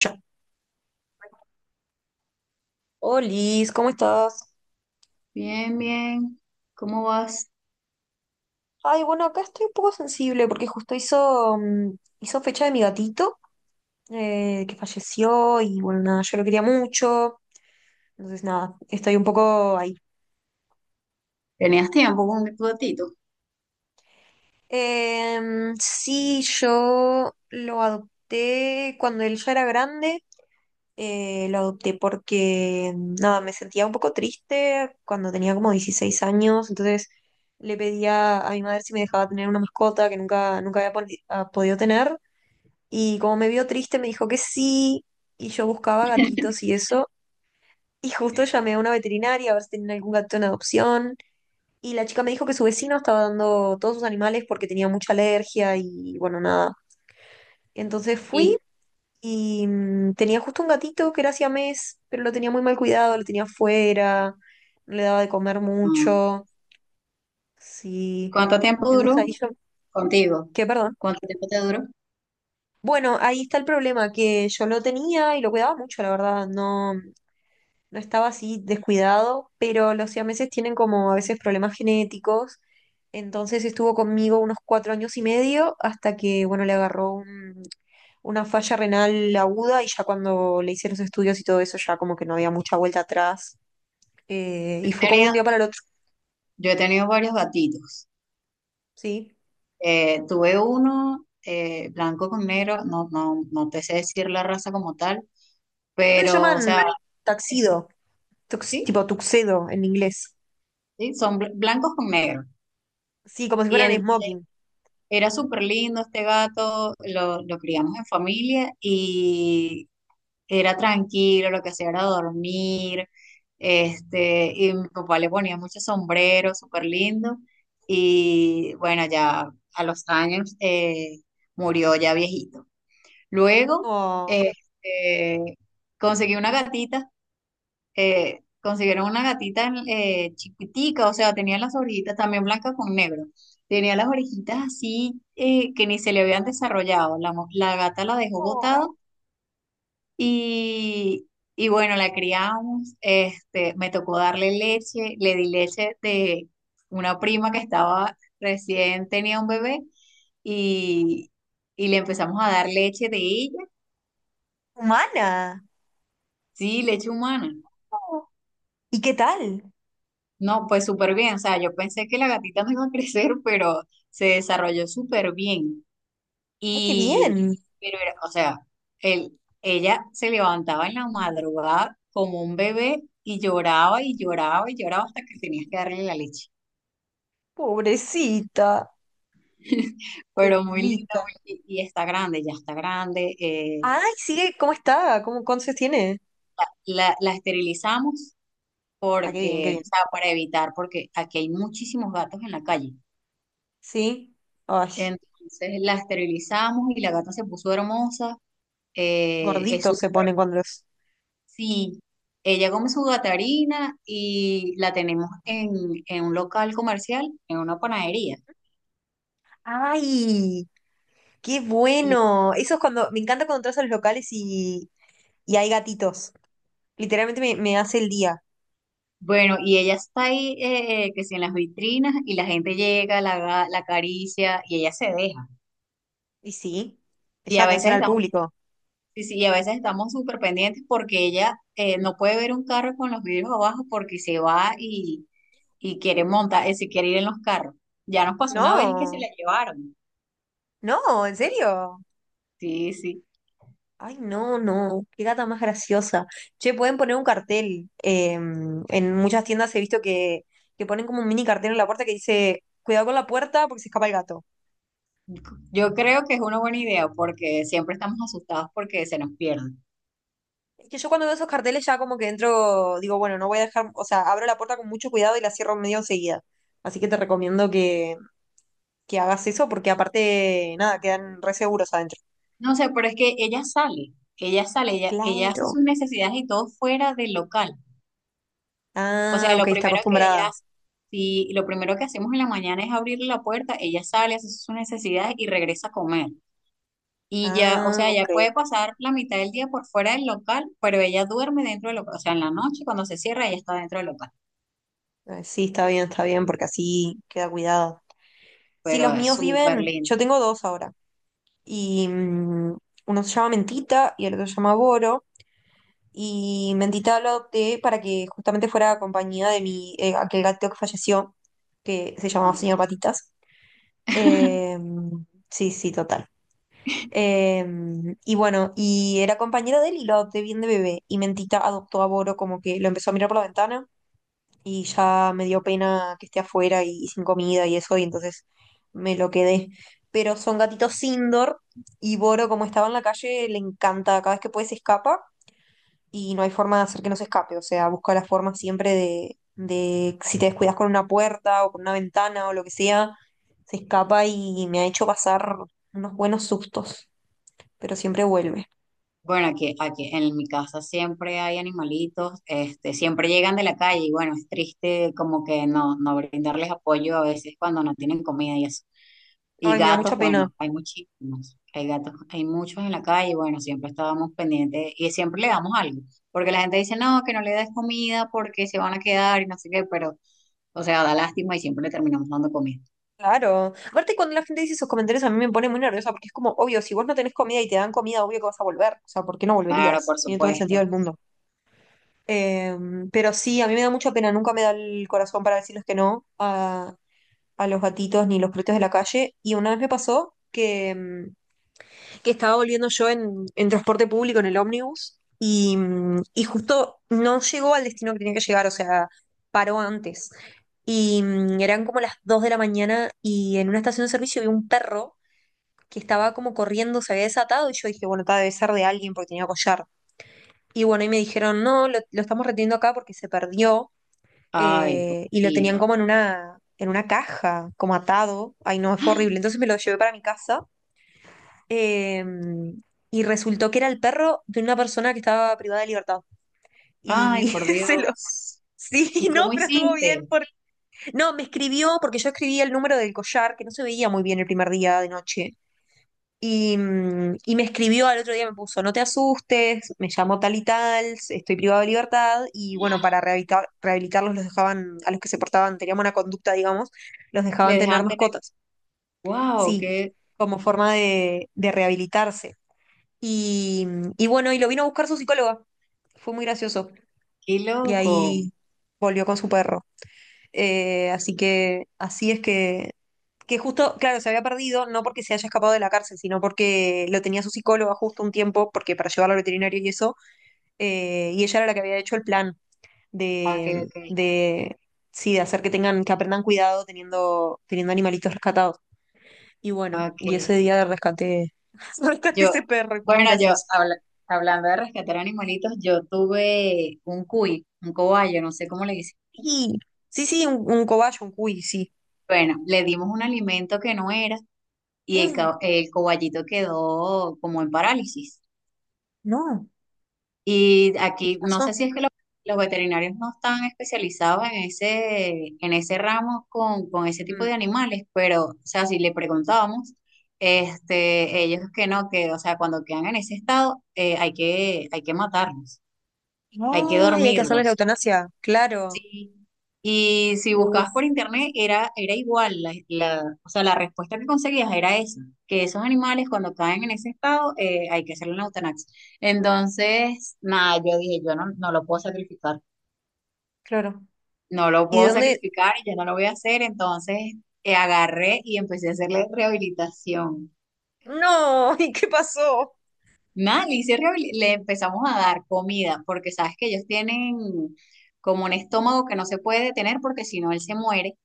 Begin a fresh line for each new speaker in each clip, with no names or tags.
Yo. Oh, Liz, ¿cómo estás?
Bien, bien. ¿Cómo vas?
Ay, bueno, acá estoy un poco sensible porque justo hizo fecha de mi gatito que falleció y bueno, nada, yo lo quería mucho. Entonces, nada, estoy un poco ahí.
¿Tenías tiempo con tu gatito?
Sí, yo lo adopté cuando él ya era grande. Lo adopté porque, nada, me sentía un poco triste cuando tenía como 16 años, entonces le pedía a mi madre si me dejaba tener una mascota que nunca, nunca había podido tener. Y como me vio triste, me dijo que sí, y yo buscaba gatitos y eso. Y justo llamé a una veterinaria a ver si tenían algún gato en adopción. Y la chica me dijo que su vecino estaba dando todos sus animales porque tenía mucha alergia y bueno, nada. Entonces fui
¿Y
y tenía justo un gatito que era siamés, pero lo tenía muy mal cuidado, lo tenía afuera, no le daba de comer
mm,
mucho. Sí.
cuánto tiempo
Entonces
duró
ahí yo,
contigo?
¿qué, perdón?
¿Cuánto tiempo te duró?
Bueno, ahí está el problema, que yo lo tenía y lo cuidaba mucho, la verdad. No, no estaba así descuidado, pero los siameses tienen como a veces problemas genéticos. Entonces estuvo conmigo unos 4 años y medio hasta que, bueno, le agarró un una falla renal aguda y ya cuando le hice los estudios y todo eso, ya como que no había mucha vuelta atrás.
He
Y fue como un
tenido-
día para el otro,
yo he tenido varios gatitos.
sí.
Tuve uno blanco con negro, no, no, no te sé decir la raza como tal,
Creo que se
pero, o
llaman
sea, es-
taxido,
sí,
tipo tuxedo en inglés.
sí, son blancos con negro.
Sí, como si
Y
fueran
en-
smoking.
Era súper lindo este gato, lo criamos en familia y era tranquilo, lo que hacía era dormir, y mi papá le ponía muchos sombreros, súper lindo, y bueno, ya a los años murió ya viejito. Luego,
Oh,
este, conseguí una gatita, consiguieron una gatita chiquitica, o sea, tenía las orejitas también blancas con negro. Tenía las orejitas así que ni se le habían desarrollado. La gata la dejó
oh,
botada y, y, bueno, la criamos, me tocó darle leche, le di leche de una prima que estaba recién tenía un bebé y, y le empezamos a dar leche de ella,
humana.
sí, leche humana.
Oh, ¿y qué tal?
No, pues súper bien, o sea, yo pensé que la gatita no iba a crecer, pero se desarrolló súper bien.
Ay, qué
Y,
bien.
pero o sea, él, ella se levantaba en la madrugada como un bebé y lloraba y lloraba y lloraba hasta que tenías que darle la leche.
Pobrecita,
Pero muy linda,
bebita.
y está grande, ya está grande. eh,
Ay, sigue, ¿cómo está? ¿Cómo, cuántos años tiene?
la, la esterilizamos
Ah, qué bien, qué
porque,
bien.
o sea, para evitar, porque aquí hay muchísimos gatos en la calle.
Sí. Ay,
Entonces la esterilizamos y la gata se puso hermosa. Es
gorditos se ponen cuando los...
Sí, ella come su gatarina y la tenemos en un local comercial, en una panadería.
¡Ay! Qué
Y
bueno. Eso es cuando, me encanta cuando entras a los locales y, hay gatitos. Literalmente me hace el día.
bueno, y ella está ahí, que si en las vitrinas, y la gente llega, la acaricia, y ella se deja.
Y sí,
Y
ya
a veces
atención al
estamos,
público.
sí, sí, y a veces estamos súper pendientes porque ella no puede ver un carro con los vidrios abajo porque se va y quiere montar, se quiere ir en los carros. Ya nos pasó una vez que se
No,
la llevaron.
no, en serio.
Sí, sí.
Ay, no, no, qué gata más graciosa. Che, pueden poner un cartel. En muchas tiendas he visto que ponen como un mini cartel en la puerta que dice, cuidado con la puerta porque se escapa el gato.
Yo creo que es una buena idea porque siempre estamos asustados porque se nos pierden.
Es que yo cuando veo esos carteles ya como que entro, digo, bueno, no voy a dejar, o sea, abro la puerta con mucho cuidado y la cierro medio enseguida. Así que te recomiendo que hagas eso porque aparte, nada, quedan re seguros adentro.
No sé, pero es que ella sale, ella sale, ella hace
Claro.
sus necesidades y todo fuera del local. O
Ah,
sea,
ok,
lo
está
primero que ella
acostumbrada.
hace, si lo primero que hacemos en la mañana es abrir la puerta, ella sale, hace sus necesidades y regresa a comer. Y ya, o
Ah,
sea,
ok.
ella puede pasar la mitad del día por fuera del local, pero ella duerme dentro del local. O sea, en la noche cuando se cierra, ella está dentro del local.
Ok. Sí, está bien, porque así queda cuidado. Sí,
Pero
los
es
míos
súper
viven,
lindo.
yo tengo dos ahora, y uno se llama Mentita y el otro se llama Boro, y Mentita lo adopté para que justamente fuera compañía de mi, aquel gato que falleció, que se llamaba Señor Patitas. Eh, sí, sí, total. Y bueno, y era compañera de él y lo adopté bien de bebé. Y Mentita adoptó a Boro como que lo empezó a mirar por la ventana y ya me dio pena que esté afuera y sin comida y eso, y entonces me lo quedé. Pero son gatitos indoor y Boro, como estaba en la calle, le encanta. Cada vez que puede se escapa y no hay forma de hacer que no se escape. O sea, busca la forma siempre de, si te descuidas con una puerta o con una ventana o lo que sea, se escapa y me ha hecho pasar unos buenos sustos, pero siempre vuelve.
Bueno, aquí en mi casa siempre hay animalitos, siempre llegan de la calle y bueno, es triste como que no brindarles apoyo a veces cuando no tienen comida y eso. Y
Ay, me da mucha
gatos,
pena.
bueno, hay muchísimos, hay gatos, hay muchos en la calle, bueno, siempre estábamos pendientes y siempre le damos algo, porque la gente dice, no, que no le des comida porque se van a quedar y no sé qué, pero, o sea, da lástima y siempre le terminamos dando comida.
Claro. Aparte, cuando la gente dice esos comentarios, a mí me pone muy nerviosa porque es como, obvio, si vos no tenés comida y te dan comida, obvio que vas a volver. O sea, ¿por qué no
Claro,
volverías?
por
Tiene todo el sentido
supuesto.
del mundo. Eh, pero sí, a mí me da mucha pena, nunca me da el corazón para decirles que no. Ah, a los gatitos ni los perritos de la calle. Y una vez me pasó que, que estaba volviendo yo en, transporte público, en el ómnibus, y justo no llegó al destino que tenía que llegar, o sea, paró antes. Y eran como las 2 de la mañana y en una estación de servicio vi un perro que estaba como corriendo, se había desatado y yo dije, bueno, está debe ser de alguien porque tenía collar. Y bueno, y me dijeron, no, lo estamos reteniendo acá porque se perdió
Ay,
y lo tenían
poquito.
como en una caja, como atado. Ay, no, fue horrible. Entonces me lo llevé para mi casa eh, y resultó que era el perro de una persona que estaba privada de libertad. Y
Ay, por
se lo...
Dios.
Sí,
¿Y
no,
cómo
pero estuvo bien.
hiciste?
No, me escribió porque yo escribí el número del collar, que no se veía muy bien el primer día de noche. Y me escribió al otro día, me puso, no te asustes, me llamó tal y tal, estoy privado de libertad, y bueno, para rehabilitarlos los dejaban, a los que se portaban, tenían buena conducta, digamos, los dejaban
Le
tener
dejaban tener,
mascotas,
wow,
sí,
qué,
como forma de, rehabilitarse. Y, y bueno, y lo vino a buscar su psicóloga, fue muy gracioso,
qué
y
loco.
ahí volvió con su perro. Así que así es que justo, claro, se había perdido, no porque se haya escapado de la cárcel, sino porque lo tenía su psicóloga justo un tiempo, porque para llevarlo al veterinario y eso, y ella era la que había hecho el plan
Ok,
de,
ok,
de, sí, de hacer que tengan, que aprendan cuidado teniendo animalitos rescatados. Y bueno,
ok.
y ese día rescaté, rescaté
Yo,
ese perro, y fue muy
bueno,
gracioso.
hablando de rescatar animalitos, yo tuve un cuy, un cobayo, no sé cómo le dicen.
Sí, sí, sí, un cobayo, un cuy, sí.
Bueno, le dimos un alimento que no era y
Mm.
el cobayito quedó como en parálisis.
No,
Y
¿qué
aquí, no
pasó?
sé si es que los, veterinarios no están especializados en ese, ramo con ese tipo
Mm.
de animales, pero, o sea, si le preguntábamos, ellos que no, que, o sea, cuando quedan en ese estado, hay que matarlos, hay que
Ay, hay que hacerle la
dormirlos.
eutanasia, claro.
Sí. Y si buscabas
Uf,
por internet era igual, o sea, la respuesta que conseguías era esa, que esos animales cuando caen en ese estado hay que hacerle una eutanasia. Entonces, nada, yo dije, yo no lo puedo sacrificar,
claro.
no lo
¿Y de
puedo
dónde?
sacrificar y yo no lo voy a hacer, entonces agarré y empecé a hacerle rehabilitación.
No, ¿y qué pasó?
Nada, le empezamos a dar comida, porque sabes que ellos tienen como un estómago que no se puede detener porque si no él se muere.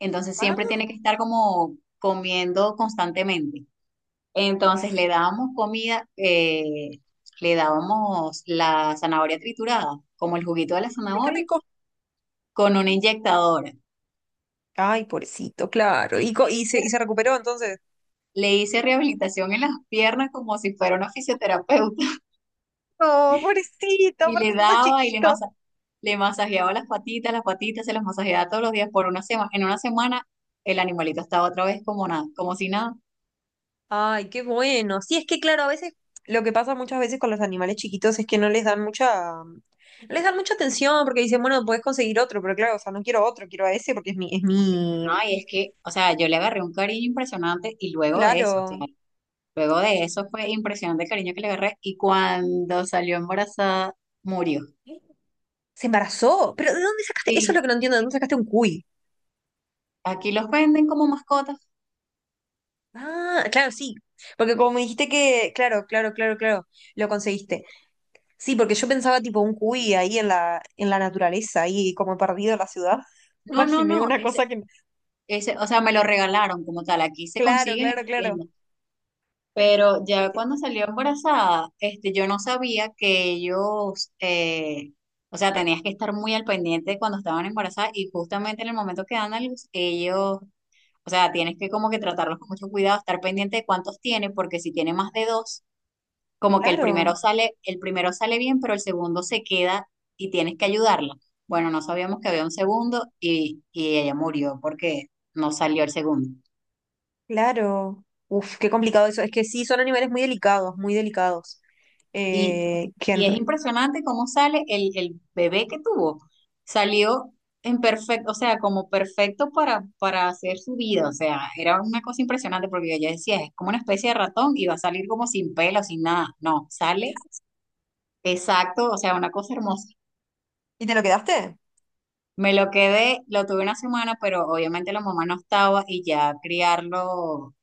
Entonces
Ah,
siempre tiene que estar como comiendo constantemente. Entonces
uf,
le dábamos comida, le dábamos la zanahoria triturada, como el juguito de la
ay, qué
zanahoria,
rico.
con una inyectadora.
Ay, pobrecito, claro. ¿Y,
Y
y se recuperó entonces?
le hice rehabilitación en las piernas como si fuera una fisioterapeuta.
No, pobrecito,
Y
aparte
le
son tan
daba y
chiquitos.
le masajeaba las patitas se las masajeaba todos los días por una semana. En una semana el animalito estaba otra vez como nada, como si nada.
Ay, qué bueno. Sí, es que claro, a veces lo que pasa muchas veces con los animales chiquitos es que no les dan mucha, no les dan mucha atención porque dicen, bueno, podés conseguir otro, pero claro, o sea, no quiero otro, quiero a ese porque es mi,
No, y es que, o sea, yo le agarré un cariño impresionante y luego de eso, o sea,
claro.
luego de eso fue impresionante el cariño que le agarré y cuando salió embarazada murió.
¿Se embarazó? ¿Pero de dónde sacaste? Eso es lo
Sí,
que no entiendo, ¿de dónde sacaste un cuy?
aquí los venden como mascotas.
Ah, claro, sí. Porque como me dijiste que, claro, claro, claro, claro, lo conseguiste. Sí, porque yo pensaba tipo un cuy ahí en la, naturaleza, ahí como perdido en la ciudad.
No, no,
Imaginé
no,
una cosa que... no.
ese, o sea, me lo regalaron como tal, aquí se
Claro,
consiguen en
claro,
las
claro.
tiendas. Pero ya cuando salió embarazada, yo no sabía que ellos, o sea, tenías que estar muy al pendiente cuando estaban embarazadas y justamente en el momento que dan a luz, ellos, o sea, tienes que como que tratarlos con mucho cuidado, estar pendiente de cuántos tienen, porque si tiene más de dos, como que
Claro,
el primero sale bien, pero el segundo se queda y tienes que ayudarla. Bueno, no sabíamos que había un segundo y, ella murió porque no salió el segundo.
claro. Uf, qué complicado eso. Es que sí, son animales muy delicados, muy delicados.
Y,
Eh, que
y
en-
es impresionante cómo sale el bebé que tuvo. Salió en perfecto, o sea, como perfecto para hacer su vida. O sea, era una cosa impresionante porque ella decía, es como una especie de ratón y va a salir como sin pelo, sin nada. No, sale exacto, o sea, una cosa hermosa.
¿Y te lo quedaste?
Me lo quedé, lo tuve una semana, pero obviamente la mamá no estaba y ya criarlo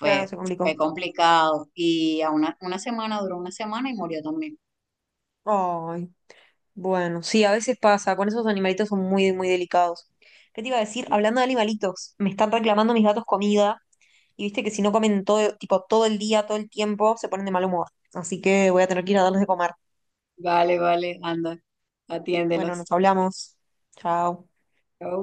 Claro, se
fue
complicó.
complicado. Y a una semana, duró una semana y murió también.
Ay. Bueno, sí, a veces pasa, con esos animalitos son muy, muy delicados. ¿Qué te iba a decir? Hablando de animalitos, me están reclamando mis gatos comida y viste que si no comen todo, tipo, todo el día, todo el tiempo, se ponen de mal humor. Así que voy a tener que ir a darles de comer.
Vale, vale, anda,
Bueno,
atiéndelos.
nos hablamos. Chao.
Chao.